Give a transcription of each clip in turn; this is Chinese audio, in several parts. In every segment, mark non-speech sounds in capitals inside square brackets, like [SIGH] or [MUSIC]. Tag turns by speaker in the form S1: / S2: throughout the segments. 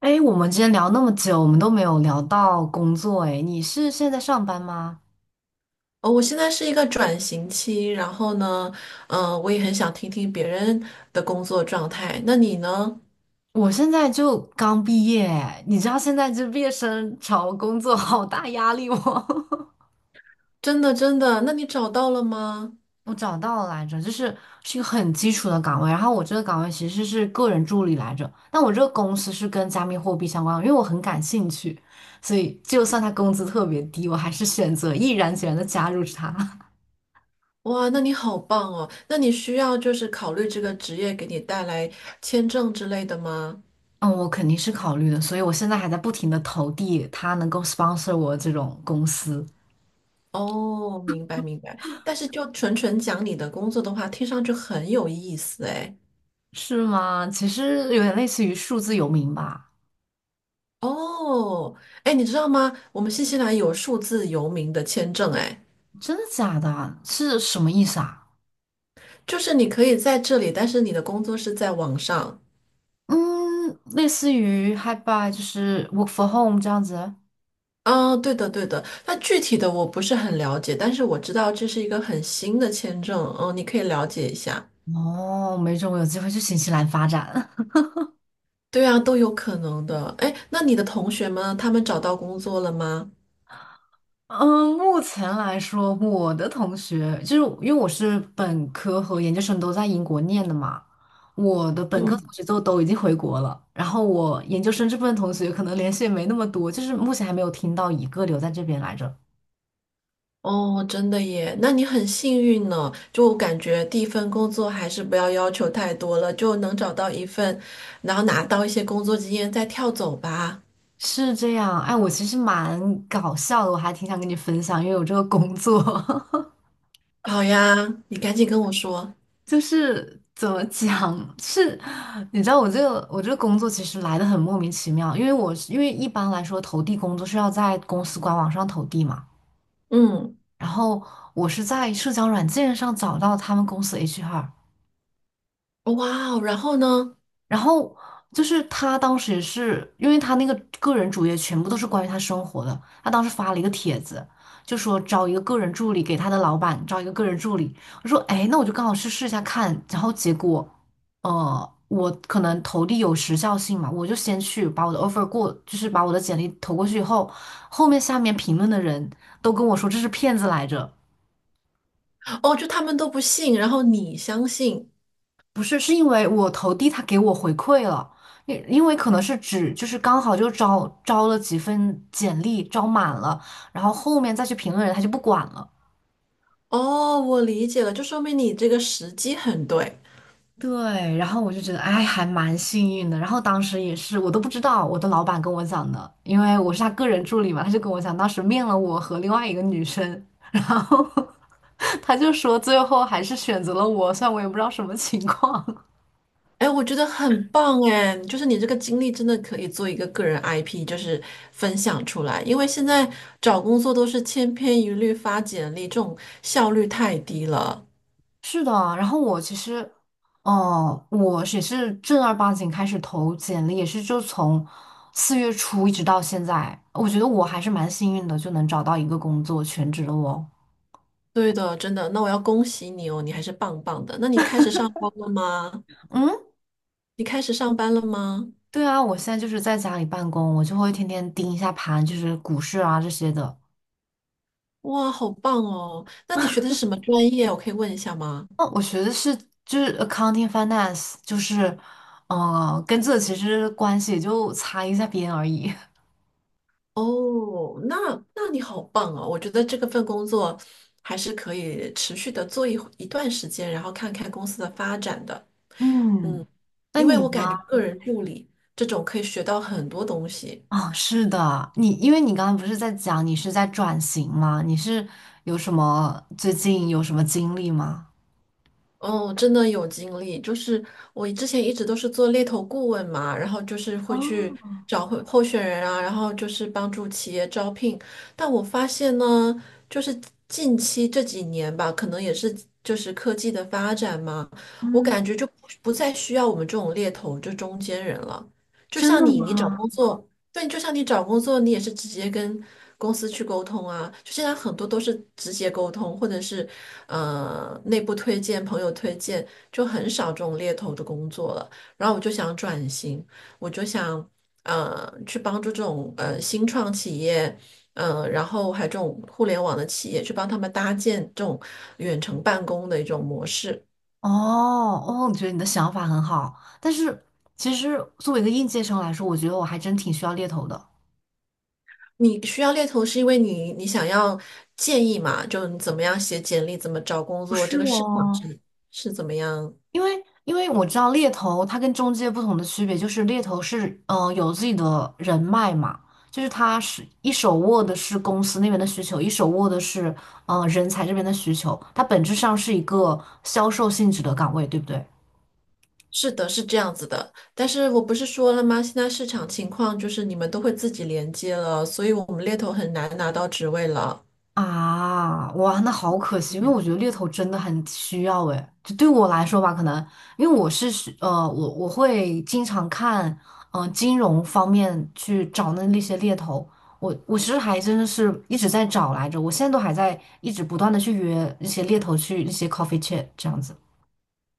S1: 哎，我们之前聊那么久，我们都没有聊到工作。哎，你是现在上班吗？
S2: 哦，我现在是一个转型期，然后呢，我也很想听听别人的工作状态。那你呢？
S1: 我现在就刚毕业，你知道现在这毕业生找工作好大压力吗？
S2: 真的，那你找到了吗？
S1: [LAUGHS] 我找到了来着，就是是一个很基础的岗位，然后我这个岗位其实是个人助理来着，但我这个公司是跟加密货币相关的，因为我很感兴趣，所以就算他工资特别低，我还是选择毅然决然的加入他。
S2: 哇，那你好棒哦！那你需要就是考虑这个职业给你带来签证之类的吗？
S1: 嗯，我肯定是考虑的，所以我现在还在不停的投递他能够 sponsor 我这种公司，
S2: 哦，明白。但是就纯纯讲你的工作的话，听上去很有意思哎。
S1: 是吗？其实有点类似于数字游民吧？
S2: 哦，哎，你知道吗？我们新西兰有数字游民的签证哎。
S1: 真的假的啊是什么意思啊？
S2: 就是你可以在这里，但是你的工作是在网上。
S1: 嗯，类似于 h i b y 就是 work for home 这样子。
S2: 啊，对的那具体的我不是很了解，但是我知道这是一个很新的签证，嗯，你可以了解一下。
S1: 哦，没准我有机会去新西兰发展。
S2: 对啊，都有可能的。哎，那你的同学们，他们找到工作了吗？
S1: 嗯，目前来说，我的同学就是因为我是本科和研究生都在英国念的嘛，我的本科
S2: 嗯，
S1: 同学就都已经回国了，然后我研究生这部分同学可能联系也没那么多，就是目前还没有听到一个留在这边来着。
S2: 哦，真的耶，那你很幸运呢。就我感觉第一份工作还是不要要求太多了，就能找到一份，然后拿到一些工作经验再跳走吧。
S1: 是这样，哎，我其实蛮搞笑的，我还挺想跟你分享，因为我这个工作。[LAUGHS]
S2: 好呀，你赶紧跟我说。
S1: 就是怎么讲，是你知道我这个工作其实来的很莫名其妙，因为一般来说投递工作是要在公司官网上投递嘛，
S2: 嗯。
S1: 然后我是在社交软件上找到他们公司 HR，
S2: 哇哦，然后呢？
S1: 然后就是他当时也是，因为他那个个人主页全部都是关于他生活的，他当时发了一个帖子，就说招一个个人助理给他的老板招一个个人助理。我说，哎，那我就刚好去试一下看。然后结果，我可能投递有时效性嘛，我就先去把我的 offer 过，就是把我的简历投过去以后，后面下面评论的人都跟我说这是骗子来着。
S2: 哦，就他们都不信，然后你相信。
S1: 不是，是因为我投递他给我回馈了，因为可能是就是刚好就招了几份简历，招满了，然后后面再去评论人他就不管了。
S2: 哦，我理解了，就说明你这个时机很对。
S1: 对，然后我就觉得哎，还蛮幸运的。然后当时也是我都不知道，我的老板跟我讲的，因为我是他个人助理嘛，他就跟我讲，当时面了我和另外一个女生，然后 [LAUGHS] 他就说最后还是选择了我，虽然我也不知道什么情况。
S2: 哎，我觉得很棒哎，就是你这个经历真的可以做一个个人 IP,就是分享出来。因为现在找工作都是千篇一律发简历，这种效率太低了。
S1: 是的，然后我其实，哦、我也是正儿八经开始投简历，也是就从四月初一直到现在，我觉得我还是蛮幸运的，就能找到一个工作，全职的我，
S2: 对的，真的。那我要恭喜你哦，你还是棒棒的。那你开始上班了吗？
S1: 嗯，
S2: 你开始上班了吗？
S1: 对啊，我现在就是在家里办公，我就会天天盯一下盘，就是股市啊这些的。
S2: 哇，好棒哦！那你学的是什么专业？我可以问一下吗？
S1: 哦，我学的是就是 accounting finance，就是，跟这其实关系也就擦一下边而已。
S2: 哦，那那你好棒哦！我觉得这个份工作还是可以持续的做一段时间，然后看看公司的发展的。
S1: [LAUGHS]
S2: 嗯，
S1: 嗯，那
S2: 因为
S1: 你
S2: 我感觉
S1: 呢？
S2: 个人助理这种可以学到很多东西。
S1: 哦，是的，因为你刚刚不是在讲你是在转型吗？你是有什么最近有什么经历吗？
S2: 哦，真的有经历，就是我之前一直都是做猎头顾问嘛，然后就是会去
S1: 哦，
S2: 找候选人啊，然后就是帮助企业招聘。但我发现呢，就是近期这几年吧，可能也是就是科技的发展嘛，我
S1: 嗯，
S2: 感觉就不再需要我们这种猎头这中间人了。就
S1: 真
S2: 像
S1: 的
S2: 你，你找
S1: 吗？
S2: 工作，对，就像你找工作，你也是直接跟公司去沟通啊。就现在很多都是直接沟通，或者是内部推荐、朋友推荐，就很少这种猎头的工作了。然后我就想转型，我就想去帮助这种新创企业，然后还有这种互联网的企业，去帮他们搭建这种远程办公的一种模式。
S1: 哦哦，我觉得你的想法很好，但是其实作为一个应届生来说，我觉得我还真挺需要猎头的。
S2: 你需要猎头，是因为你想要建议嘛？就你怎么样写简历，怎么找工
S1: 不
S2: 作，
S1: 是
S2: 这个市场。
S1: 哦，
S2: 是怎么样？
S1: 因为我知道猎头它跟中介不同的区别就是猎头是有自己的人脉嘛，就是他是一手握的是公司那边的需求，一手握的是人才这边的需求，它本质上是一个销售性质的岗位，对不对？
S2: 是的，是这样子的。但是我不是说了吗？现在市场情况就是你们都会自己连接了，所以我们猎头很难拿到职位了。
S1: 啊，哇，那好可惜，因为我觉得猎头真的很需要诶，就对我来说吧，可能因为我是是呃，我我会经常看金融方面去找那些猎头，我其实还真的是一直在找来着，我现在都还在一直不断的去约一些猎头去一些 coffee chat 这样子。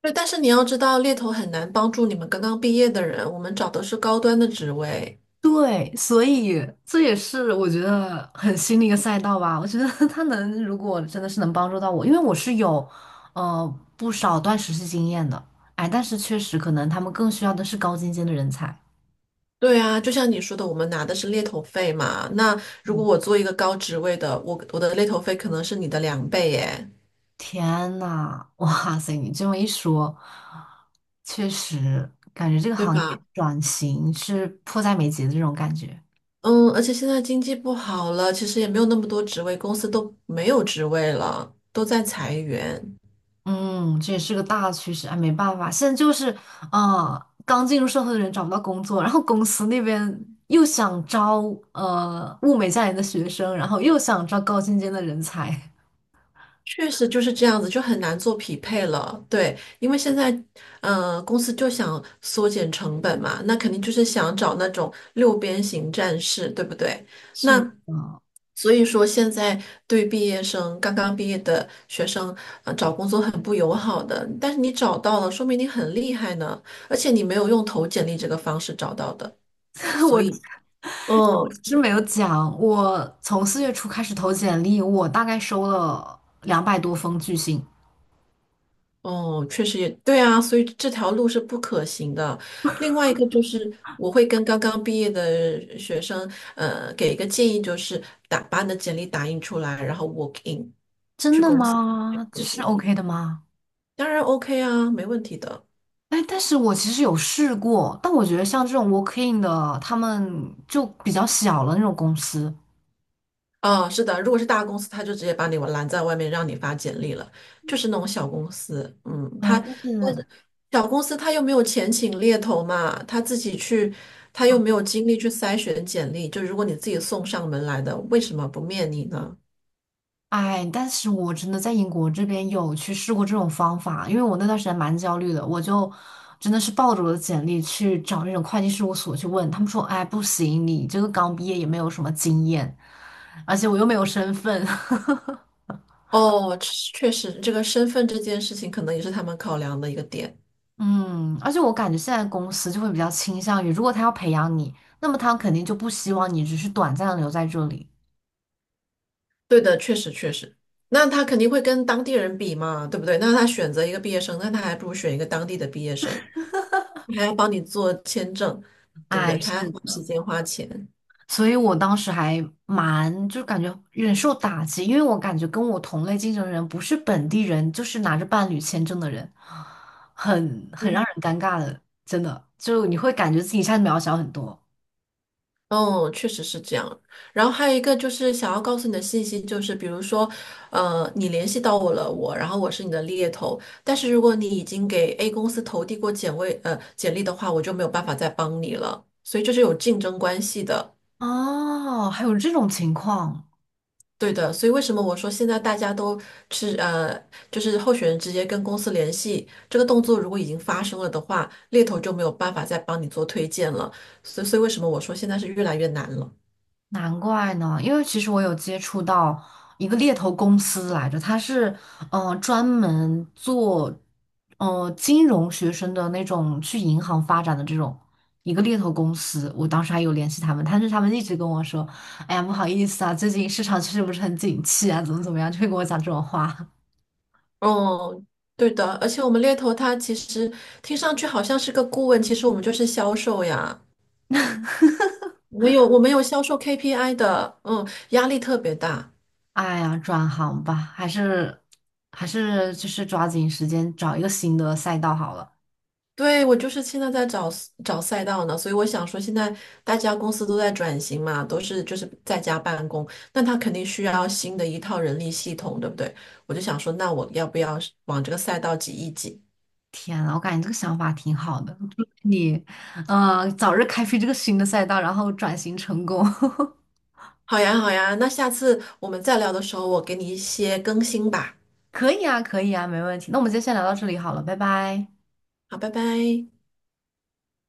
S2: 对，但是你要知道，猎头很难帮助你们刚刚毕业的人，我们找的是高端的职位。
S1: 对，所以这也是我觉得很新的一个赛道吧。我觉得 [LAUGHS] 他能，如果真的是能帮助到我，因为我是有呃不少段实习经验的，哎，但是确实可能他们更需要的是高精尖的人才。
S2: 对啊，就像你说的，我们拿的是猎头费嘛。那如果
S1: 嗯，
S2: 我做一个高职位的，我的猎头费可能是你的两倍耶，
S1: 天呐，[LAUGHS] 哇塞，你这么一说，确实感觉这个
S2: 对
S1: 行
S2: 吧？
S1: 业转型是迫在眉睫的这种感觉。
S2: 嗯，而且现在经济不好了，其实也没有那么多职位，公司都没有职位了，都在裁员。
S1: 嗯，这也是个大趋势，哎，没办法，现在就是，啊、刚进入社会的人找不到工作，然后公司那边又想招物美价廉的学生，然后又想招高精尖的人才。
S2: 确实就是这样子，就很难做匹配了。对，因为现在，公司就想缩减成本嘛，那肯定就是想找那种六边形战士，对不对？
S1: 是，
S2: 那所以说，现在对毕业生、刚刚毕业的学生，找工作很不友好的。但是你找到了，说明你很厉害呢，而且你没有用投简历这个方式找到的，
S1: [LAUGHS]
S2: 所
S1: 我
S2: 以，嗯，
S1: 是没有讲，我从四月初开始投简历，我大概收了两百多封拒信。
S2: 哦，确实也对啊，所以这条路是不可行的。另外一个就是，我会跟刚刚毕业的学生，给一个建议，就是把你的简历打印出来，然后 walk in
S1: 真
S2: 去
S1: 的
S2: 公司直接
S1: 吗？这
S2: 投
S1: 是
S2: 递，
S1: OK 的吗？
S2: 当然 OK 啊，没问题的。
S1: 哎，但是我其实有试过，但我觉得像这种 working 的，他们就比较小了那种公司。
S2: 哦，是的，如果是大公司，他就直接把你拦在外面，让你发简历了。就是那种小公司，嗯，他
S1: 哎，但
S2: 但
S1: 是，
S2: 是小公司他又没有钱请猎头嘛，他自己去，他又
S1: 嗯，
S2: 没有精力去筛选简历。就如果你自己送上门来的，为什么不面你呢？
S1: 哎，但是我真的在英国这边有去试过这种方法，因为我那段时间蛮焦虑的，我就真的是抱着我的简历去找那种会计事务所去问，他们说，哎，不行，你这个刚毕业也没有什么经验，而且我又没有身份，
S2: 哦，确实，这个身份这件事情可能也是他们考量的一个点。
S1: [LAUGHS] 嗯，而且我感觉现在公司就会比较倾向于，如果他要培养你，那么他肯定就不希望你只是短暂的留在这里。
S2: 对的，确实。那他肯定会跟当地人比嘛，对不对？那他选择一个毕业生，那他还不如选一个当地的毕业生。你还要帮你做签证，对不对？
S1: 哎，
S2: 他要
S1: 是
S2: 花时
S1: 的。
S2: 间花钱。
S1: 所以我当时还蛮，就感觉忍受打击，因为我感觉跟我同类竞争的人不是本地人，就是拿着伴侣签证的人，很让人尴尬的，真的，就你会感觉自己一下子渺小很多。
S2: 哦，确实是这样。然后还有一个就是想要告诉你的信息，就是比如说，你联系到我了，我，然后我是你的猎头，但是如果你已经给 A 公司投递过简历，简历的话，我就没有办法再帮你了。所以这是有竞争关系的。
S1: 哦，还有这种情况。
S2: 对的，所以为什么我说现在大家都是就是候选人直接跟公司联系，这个动作如果已经发生了的话，猎头就没有办法再帮你做推荐了。所以为什么我说现在是越来越难了？
S1: 难怪呢，因为其实我有接触到一个猎头公司来着，它是专门做金融学生的那种去银行发展的这种一个猎头公司，我当时还有联系他们，但是他们一直跟我说，哎呀不好意思啊，最近市场是不是很景气啊，怎么怎么样，就会跟我讲这种话。
S2: 哦，对的，而且我们猎头他其实听上去好像是个顾问，其实我们就是销售呀，
S1: [LAUGHS]
S2: 我们有销售 KPI 的，嗯，压力特别大。
S1: 哎呀，转行吧，还是就是抓紧时间找一个新的赛道好了。
S2: 对，我就是现在在找找赛道呢，所以我想说，现在大家公司都在转型嘛，都是就是在家办公，那他肯定需要新的一套人力系统，对不对？我就想说，那我要不要是往这个赛道挤一挤？
S1: 天呐，我感觉这个想法挺好的，祝你，早日开辟这个新的赛道，然后转型成功。[LAUGHS]
S2: 好呀，好呀，那下次我们再聊的时候，我给你一些更新吧。
S1: 可以啊，可以啊，没问题。那我们今天先聊到这里好了，拜拜。
S2: 好，拜拜。